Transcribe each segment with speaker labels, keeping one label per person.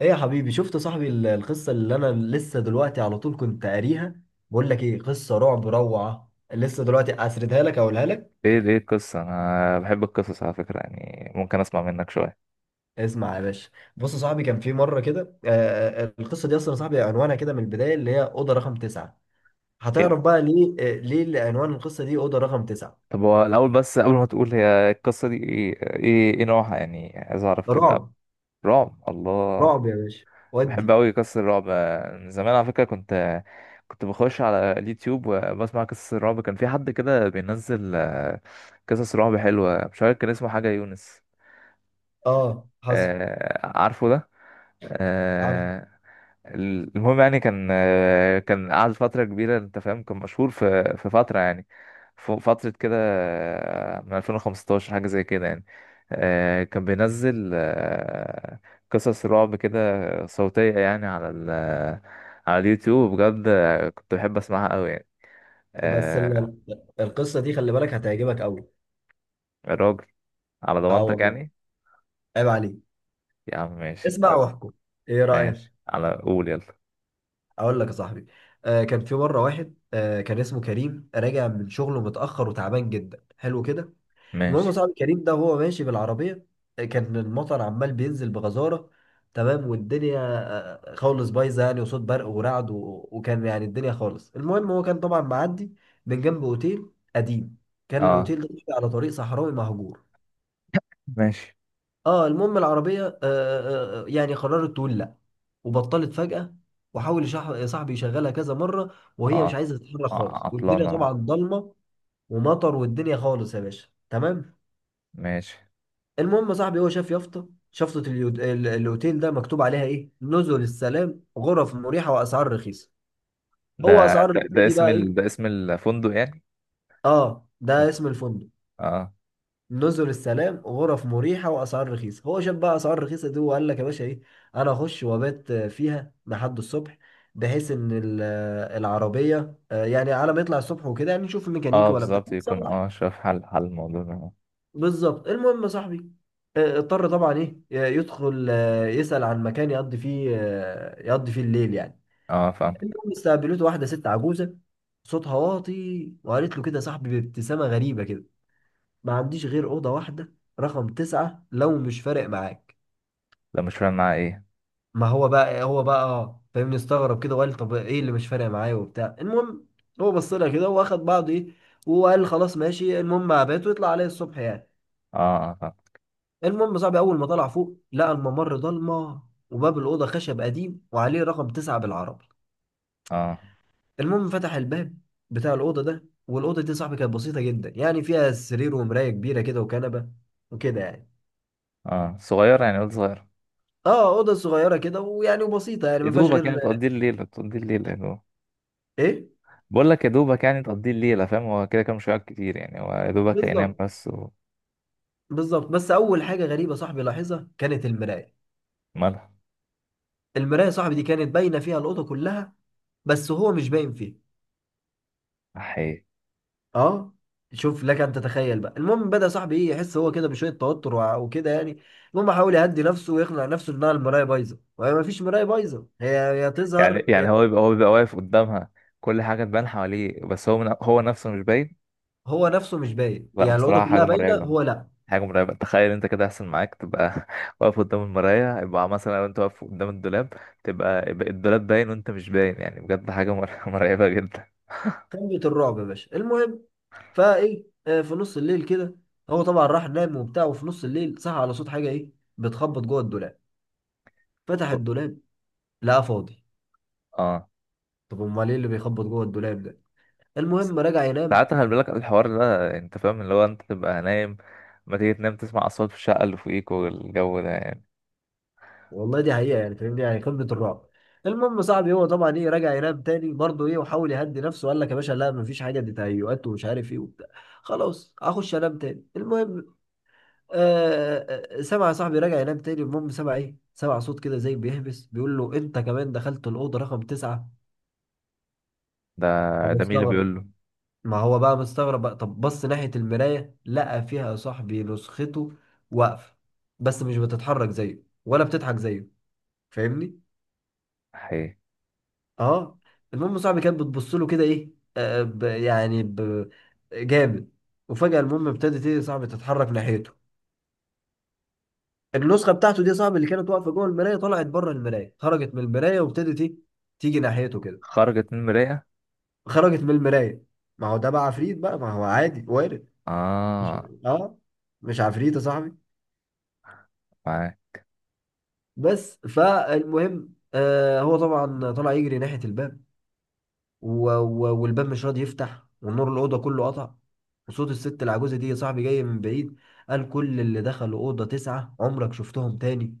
Speaker 1: ايه يا حبيبي شفت صاحبي القصة اللي انا لسه دلوقتي على طول كنت قاريها. بقول لك ايه؟ قصة رعب روعة، لسه دلوقتي اسردها لك اقولها لك.
Speaker 2: ايه دي القصة؟ انا بحب القصص على فكرة، يعني ممكن اسمع منك شوية.
Speaker 1: اسمع يا باشا. بص يا صاحبي، كان في مرة كده القصة دي اصلا يا صاحبي عنوانها كده من البداية، اللي هي أوضة رقم تسعة.
Speaker 2: حلو.
Speaker 1: هتعرف بقى ليه، ليه اللي عنوان القصة دي أوضة رقم تسعة.
Speaker 2: طب، هو الاول بس قبل ما تقول، هي القصة دي إيه نوعها، يعني عايز اعرف كده.
Speaker 1: رعب.
Speaker 2: رعب، الله.
Speaker 1: رعب يا باشا.
Speaker 2: بحب
Speaker 1: ودي.
Speaker 2: اوي قصص الرعب من زمان على فكرة. كنت بخش على اليوتيوب وبسمع قصص الرعب. كان في حد كده بينزل قصص رعب حلوة، مش عارف كان اسمه حاجة يونس.
Speaker 1: اه، حصل.
Speaker 2: عارفه ده.
Speaker 1: عارف.
Speaker 2: آه، المهم يعني كان قعد فترة كبيرة، انت فاهم، كان مشهور في فترة يعني فترة كده من 2015 حاجة زي كده يعني. كان بينزل قصص رعب كده صوتية يعني على اليوتيوب. بجد كنت بحب اسمعها قوي يعني.
Speaker 1: بس
Speaker 2: آه،
Speaker 1: القصة دي خلي بالك هتعجبك قوي.
Speaker 2: الراجل، على
Speaker 1: اه
Speaker 2: ضمانتك
Speaker 1: والله،
Speaker 2: يعني.
Speaker 1: عيب عليك.
Speaker 2: يا عم، ماشي،
Speaker 1: اسمع
Speaker 2: طيب.
Speaker 1: واحكم، ايه رأيك؟
Speaker 2: ماشي، على قول، يلا.
Speaker 1: اقول لك يا صاحبي، كان في مره واحد كان اسمه كريم، راجع من شغله متاخر وتعبان جدا. حلو كده. المهم
Speaker 2: ماشي.
Speaker 1: يا صاحبي، كريم ده وهو ماشي بالعربيه، كان المطر عمال بينزل بغزاره. تمام، والدنيا خالص بايظه يعني، وصوت برق ورعد و... وكان يعني الدنيا خالص. المهم هو كان طبعا معدي من جنب اوتيل قديم. كان
Speaker 2: اه،
Speaker 1: الاوتيل ده على طريق صحراوي مهجور.
Speaker 2: ماشي.
Speaker 1: اه، المهم العربية يعني قررت تقول لا، وبطلت فجأة. وحاول صاحبي يشغلها كذا مرة، وهي مش
Speaker 2: اه،
Speaker 1: عايزة تتحرك
Speaker 2: اه،
Speaker 1: خالص والدنيا
Speaker 2: عطلانة.
Speaker 1: طبعا ضلمة ومطر والدنيا خالص يا باشا. تمام.
Speaker 2: ماشي.
Speaker 1: المهم صاحبي هو شاف يافطة شفطة الاوتيل ده مكتوب عليها ايه: نزل السلام، غرف مريحة واسعار رخيصة.
Speaker 2: ده
Speaker 1: هو اسعار
Speaker 2: ده, ده
Speaker 1: رخيصة دي
Speaker 2: اسم
Speaker 1: بقى
Speaker 2: ال...
Speaker 1: ايه؟
Speaker 2: ده اسم الفندق يعني؟
Speaker 1: اه ده اسم الفندق.
Speaker 2: اه.
Speaker 1: نزل السلام، غرف مريحه واسعار رخيصه. هو شاف بقى اسعار رخيصه دي وقال لك يا باشا ايه: انا اخش وابات فيها لحد الصبح، بحيث ان العربيه، يعني على ما يطلع الصبح وكده يعني نشوف
Speaker 2: اه،
Speaker 1: الميكانيكي ولا بتاع
Speaker 2: بالظبط، يكون
Speaker 1: يصلح.
Speaker 2: شاف حل الموضوع ده.
Speaker 1: بالظبط. المهم يا صاحبي، اضطر طبعا ايه يدخل، يسأل عن مكان يقضي فيه الليل يعني.
Speaker 2: اه، فاهم.
Speaker 1: المهم استقبلته واحده ست عجوزه، صوتها واطي، وقالت له كده يا صاحبي بابتسامه غريبه كده: ما عنديش غير أوضة واحدة، رقم تسعة، لو مش فارق معاك.
Speaker 2: ده مش فاهم معاه ايه؟
Speaker 1: ما هو بقى اه فاهمني، استغرب كده وقال: طب ايه اللي مش فارق معايا، وبتاع. المهم هو بص لها كده واخد بعضه ايه، وقال خلاص ماشي. المهم عباته ويطلع عليه الصبح يعني.
Speaker 2: اه، اه، فاهم.
Speaker 1: المهم صاحبي، اول ما طلع فوق لقى الممر ضلمه، وباب الاوضه خشب قديم وعليه رقم تسعة بالعربي.
Speaker 2: اه،
Speaker 1: المهم فتح الباب بتاع الاوضه ده، والاوضه دي صاحبي كانت بسيطه جدا يعني، فيها سرير ومرايه كبيره كده وكنبه، وكده يعني.
Speaker 2: اه، صغير يعني، قلت صغير.
Speaker 1: اه، اوضه صغيره كده ويعني وبسيطه يعني،
Speaker 2: يا
Speaker 1: ما فيهاش
Speaker 2: دوبك
Speaker 1: غير
Speaker 2: يعني تقضي الليلة، يا دوب.
Speaker 1: ايه.
Speaker 2: بقول لك، يا دوبك يعني تقضي الليلة، فاهم، هو كده كده مش هيقعد كتير يعني، هو يا دوبك هينام
Speaker 1: بالظبط.
Speaker 2: بس.
Speaker 1: بالظبط. بس اول حاجه غريبه صاحبي لاحظها كانت المرايه.
Speaker 2: ومالها؟
Speaker 1: المرايه صاحبي دي كانت باينه فيها الاوضه كلها، بس هو مش باين فيها.
Speaker 2: حقيقي؟
Speaker 1: اه، شوف لك ان تتخيل بقى. المهم بدا صاحبي ايه يحس هو كده بشويه توتر وكده يعني. المهم حاول يهدي نفسه ويقنع نفسه انها المرايه بايظه، وهي ما فيش مرايه بايظه، هي
Speaker 2: يعني
Speaker 1: تظهر
Speaker 2: يعني هو بيبقى واقف قدامها، كل حاجة تبان حواليه، بس هو هو نفسه مش باين.
Speaker 1: هو نفسه مش باين
Speaker 2: لا،
Speaker 1: يعني، الاوضه
Speaker 2: بصراحة، حاجة
Speaker 1: كلها باينه
Speaker 2: مرعبة.
Speaker 1: هو لا.
Speaker 2: حاجة مرعبة، تخيل انت كده يحصل معاك، تبقى واقف قدام المراية، يبقى مثلا لو انت واقف قدام الدولاب يبقى الدولاب باين وانت مش باين، يعني بجد حاجة مرعبة جدا.
Speaker 1: قمه الرعب يا باشا. المهم فايه في نص الليل كده، هو طبعا راح نام وبتاع، وفي نص الليل صحى على صوت حاجه ايه بتخبط جوه الدولاب. فتح الدولاب، لقاه فاضي.
Speaker 2: اه،
Speaker 1: طب امال ايه اللي بيخبط جوه الدولاب ده؟
Speaker 2: بس
Speaker 1: المهم رجع ينام.
Speaker 2: ساعات خلي بالك الحوار ده، انت فاهم، اللي هو انت تبقى نايم، ما تيجي تنام تسمع اصوات في الشقة اللي فوقيك والجو ده يعني.
Speaker 1: والله دي حقيقه يعني، فاهمني يعني قمه الرعب. المهم صاحبي، هو طبعا ايه رجع ينام تاني برضه ايه، وحاول يهدي نفسه وقال لك يا باشا: لا مفيش حاجه، دي تهيؤات ومش عارف ايه وبتاع، خلاص هخش انام تاني. المهم سمع صاحبي، رجع ينام تاني. المهم سمع ايه، سمع صوت كده زي بيهبس بيقول له: انت كمان دخلت الاوضه رقم تسعة.
Speaker 2: ده ده مين اللي
Speaker 1: فمستغرب.
Speaker 2: بيقول له؟
Speaker 1: ما هو بقى مستغرب بقى، طب بص ناحية المراية، لقى فيها يا صاحبي نسخته واقفة، بس مش بتتحرك زيه ولا بتضحك زيه، فاهمني؟
Speaker 2: حقيقي؟
Speaker 1: اه. المهم صاحبي كانت بتبص له كده ايه، آه ب يعني ب جامد. وفجأة المهم، ابتدت ايه يا صاحبي تتحرك ناحيته. النسخة بتاعته دي يا صاحبي اللي كانت واقفة جوه المراية طلعت بره المراية، خرجت من المراية وابتدت ايه تيجي ناحيته كده.
Speaker 2: خرجت من المراية؟
Speaker 1: خرجت من المراية. ما هو ده بقى عفريت بقى، ما هو عادي وارد. مش
Speaker 2: اه.
Speaker 1: اه مش عفريت يا صاحبي.
Speaker 2: معاك.
Speaker 1: بس فالمهم، هو طبعا طلع يجري ناحية الباب، و و والباب مش راضي يفتح، والنور الأوضة كله قطع. وصوت الست العجوزة دي يا صاحبي جاي من بعيد، قال: كل اللي دخلوا أوضة تسعة عمرك شفتهم تاني.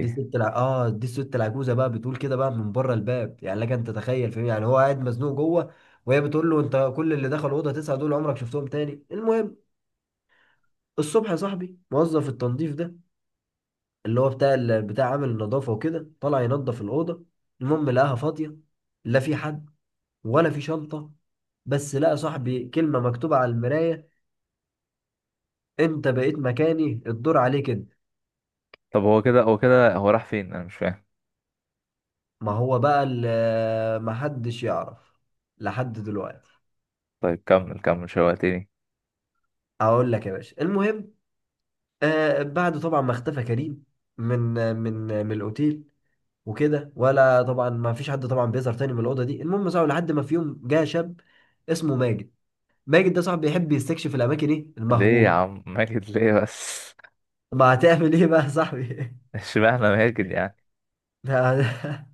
Speaker 1: دي الست العجوزة بقى بتقول كده بقى من بره الباب، يعني لك انت تتخيل فاهم يعني هو قاعد مزنوق جوه، وهي بتقول له: انت كل اللي دخلوا أوضة تسعة دول عمرك شفتهم تاني. المهم الصبح يا صاحبي، موظف التنظيف ده اللي هو بتاع عامل النظافة وكده، طلع ينظف الأوضة. المهم لقاها فاضية، لا في حد ولا في شنطة. بس لقى صاحبي كلمة مكتوبة على المراية: أنت بقيت مكاني، الدور عليك أنت.
Speaker 2: طب هو كده هو راح فين؟ انا مش فاهم.
Speaker 1: ما هو بقى محدش يعرف لحد دلوقتي.
Speaker 2: طيب، كمل كمل، شوقتني.
Speaker 1: أقول لك يا باشا. المهم بعد طبعا ما اختفى كريم من الأوتيل وكده، ولا طبعا ما فيش حد طبعا بيظهر تاني من الأوضة دي. المهم ساعة لحد ما في يوم جه شاب اسمه ماجد. ماجد ده صاحبي بيحب يستكشف الاماكن ايه
Speaker 2: ليه يا
Speaker 1: المهجوره،
Speaker 2: عم ماجد، ليه بس؟
Speaker 1: ما هتعمل ايه بقى يا صاحبي؟
Speaker 2: اشمعنى ماجد يعني؟
Speaker 1: ده-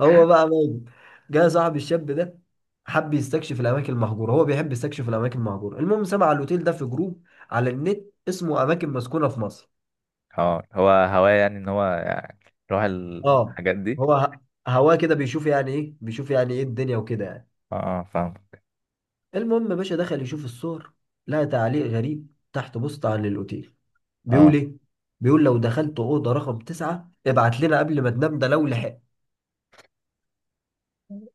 Speaker 1: هو بقى ماجد، جه صاحبي الشاب ده حب يستكشف الاماكن المهجوره، هو بيحب يستكشف الاماكن المهجوره. المهم سمع على الاوتيل ده في جروب على النت، اسمه اماكن مسكونه في مصر.
Speaker 2: اه، هو هواه يعني، ان هو يعني يروح
Speaker 1: اه،
Speaker 2: الحاجات دي.
Speaker 1: هو هواه كده بيشوف يعني ايه، بيشوف يعني ايه الدنيا وكده يعني.
Speaker 2: اه، فاهم.
Speaker 1: المهم يا باشا، دخل يشوف الصور، لقى تعليق غريب تحت بوست عن الاوتيل بيقول
Speaker 2: اه،
Speaker 1: ايه، بيقول: لو دخلت اوضه رقم تسعة ابعت لنا قبل ما تنام، ده لو لحق.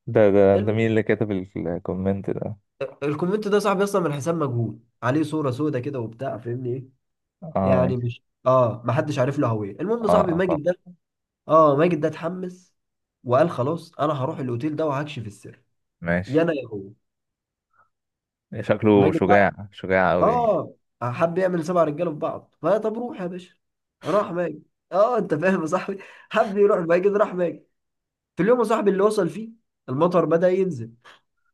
Speaker 2: ده
Speaker 1: الم-
Speaker 2: مين اللي كتب الكومنت ده؟
Speaker 1: الكومنت ده صاحبي اصلا من حساب مجهول، عليه صوره سودة كده وبتاع، فاهمني ايه،
Speaker 2: اه،
Speaker 1: يعني
Speaker 2: ماشي.
Speaker 1: مش اه، ما حدش عارف له هويه.
Speaker 2: اه،
Speaker 1: المهم صاحبي
Speaker 2: اه،
Speaker 1: ماجد
Speaker 2: فاهم.
Speaker 1: ده اه ماجد ده اتحمس وقال: خلاص انا هروح الاوتيل ده وهكشف السر، يا
Speaker 2: ماشي،
Speaker 1: انا يا هو.
Speaker 2: شكله
Speaker 1: ماجد بقى،
Speaker 2: شجاع شجاع قوي يعني.
Speaker 1: اه، حب يعمل سبع رجاله في بعض، فطب روح يا باشا. راح ماجد. اه، انت فاهم يا صاحبي، حب يروح ماجد، راح ماجد. في اليوم يا صاحبي اللي وصل فيه، المطر بدأ ينزل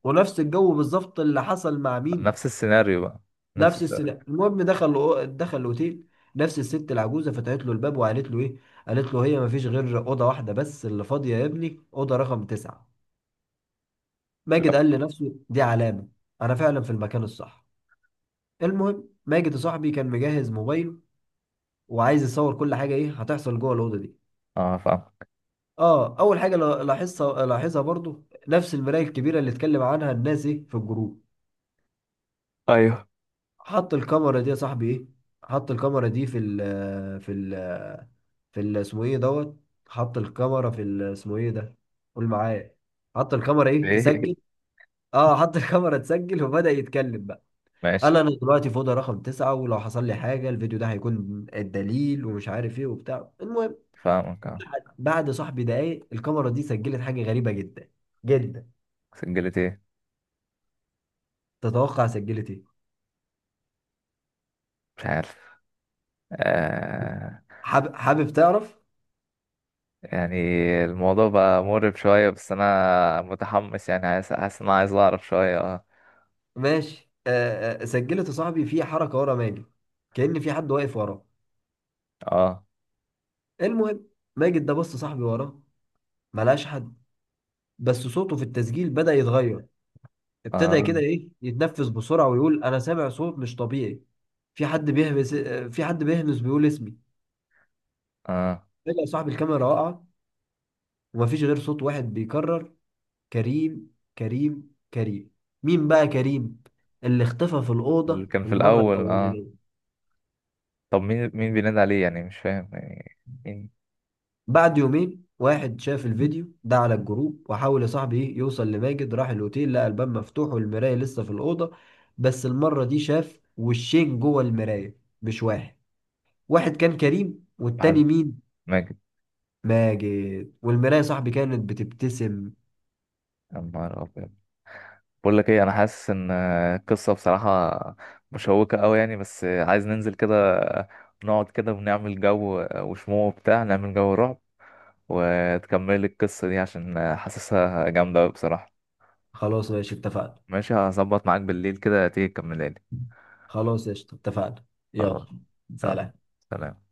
Speaker 1: ونفس الجو بالظبط اللي حصل مع مين،
Speaker 2: نفس السيناريو بقى، نفس
Speaker 1: نفس
Speaker 2: السيناريو.
Speaker 1: السلاح. المهم دخل الاوتيل، نفس الست العجوزه فتحت له الباب وقالت له ايه، قالت له: هي ما فيش غير اوضه واحده بس اللي فاضيه يا ابني، اوضه رقم تسعة.
Speaker 2: لا.
Speaker 1: ماجد قال لنفسه: دي علامه، انا فعلا في المكان الصح. المهم ماجد يا صاحبي كان مجهز موبايله، وعايز يصور كل حاجه ايه هتحصل جوه الاوضه دي.
Speaker 2: اه، فاهم.
Speaker 1: اه، اول حاجه لاحظها برضو نفس المرايه الكبيره، اللي اتكلم عنها الناس ايه في الجروب.
Speaker 2: ايوه.
Speaker 1: حط الكاميرا دي يا صاحبي ايه، حط الكاميرا دي اسمه ايه دوت، حط الكاميرا اسمه ايه ده، قول معايا، حط الكاميرا ايه تسجل.
Speaker 2: ايه؟
Speaker 1: اه، حط الكاميرا تسجل وبدأ يتكلم بقى،
Speaker 2: ماشي.
Speaker 1: قال: انا دلوقتي في اوضه رقم تسعة، ولو حصل لي حاجه الفيديو ده هيكون الدليل، ومش عارف ايه وبتاع. المهم
Speaker 2: فاهمك، اه.
Speaker 1: بعد صاحبي دقايق، الكاميرا دي سجلت حاجه غريبه جدا جدا.
Speaker 2: سجلت ايه؟
Speaker 1: تتوقع سجلت ايه؟
Speaker 2: مش عارف. آه
Speaker 1: حابب تعرف؟
Speaker 2: يعني الموضوع بقى مقرب شوية، بس أنا متحمس يعني، عايز، حاسس إن أنا عايز أعرف شوية، اه.
Speaker 1: ماشي. سجلت صاحبي في حركه ورا ماجد، كأن في حد واقف وراه.
Speaker 2: اه،
Speaker 1: المهم ماجد ده بص صاحبي وراه، ملهاش حد. بس صوته في التسجيل بدأ يتغير، ابتدى
Speaker 2: اه،
Speaker 1: كده ايه يتنفس بسرعة ويقول: انا سامع صوت مش طبيعي، في حد بيهمس، في حد بيهمس بيقول اسمي.
Speaker 2: اه،
Speaker 1: فجأة صاحب الكاميرا وقع، ومفيش غير صوت واحد بيكرر: كريم، كريم، كريم. مين بقى كريم؟ اللي اختفى في
Speaker 2: اللي
Speaker 1: الأوضة
Speaker 2: كان
Speaker 1: في
Speaker 2: في
Speaker 1: المرة
Speaker 2: الأول، اه.
Speaker 1: الأولانية.
Speaker 2: طب مين بينادي عليه؟ يعني مش فاهم يعني. مين؟
Speaker 1: بعد يومين، واحد شاف الفيديو ده على الجروب وحاول يا صاحبي ايه يوصل لماجد، راح الأوتيل لقى الباب مفتوح والمراية لسه في الأوضة. بس المرة دي شاف وشين جوه المراية، مش واحد، واحد كان كريم والتاني
Speaker 2: محمد،
Speaker 1: مين،
Speaker 2: ماجد.
Speaker 1: ماجد. والمراية يا صاحبي كانت بتبتسم.
Speaker 2: يا نهار أبيض! بقول لك إيه، أنا حاسس إن القصة بصراحة مشوقة أوي يعني. بس عايز ننزل كده، نقعد كده ونعمل جو وشموع وبتاع، نعمل جو رعب وتكمل القصة دي، عشان حاسسها جامدة أوي بصراحة.
Speaker 1: خلاص ماشي، اتفقنا.
Speaker 2: ماشي، هظبط معاك بالليل كده تيجي تكملها لي.
Speaker 1: خلاص قشطة، اتفقنا. يلا.
Speaker 2: خلاص. يلا.
Speaker 1: سلام.
Speaker 2: سلام.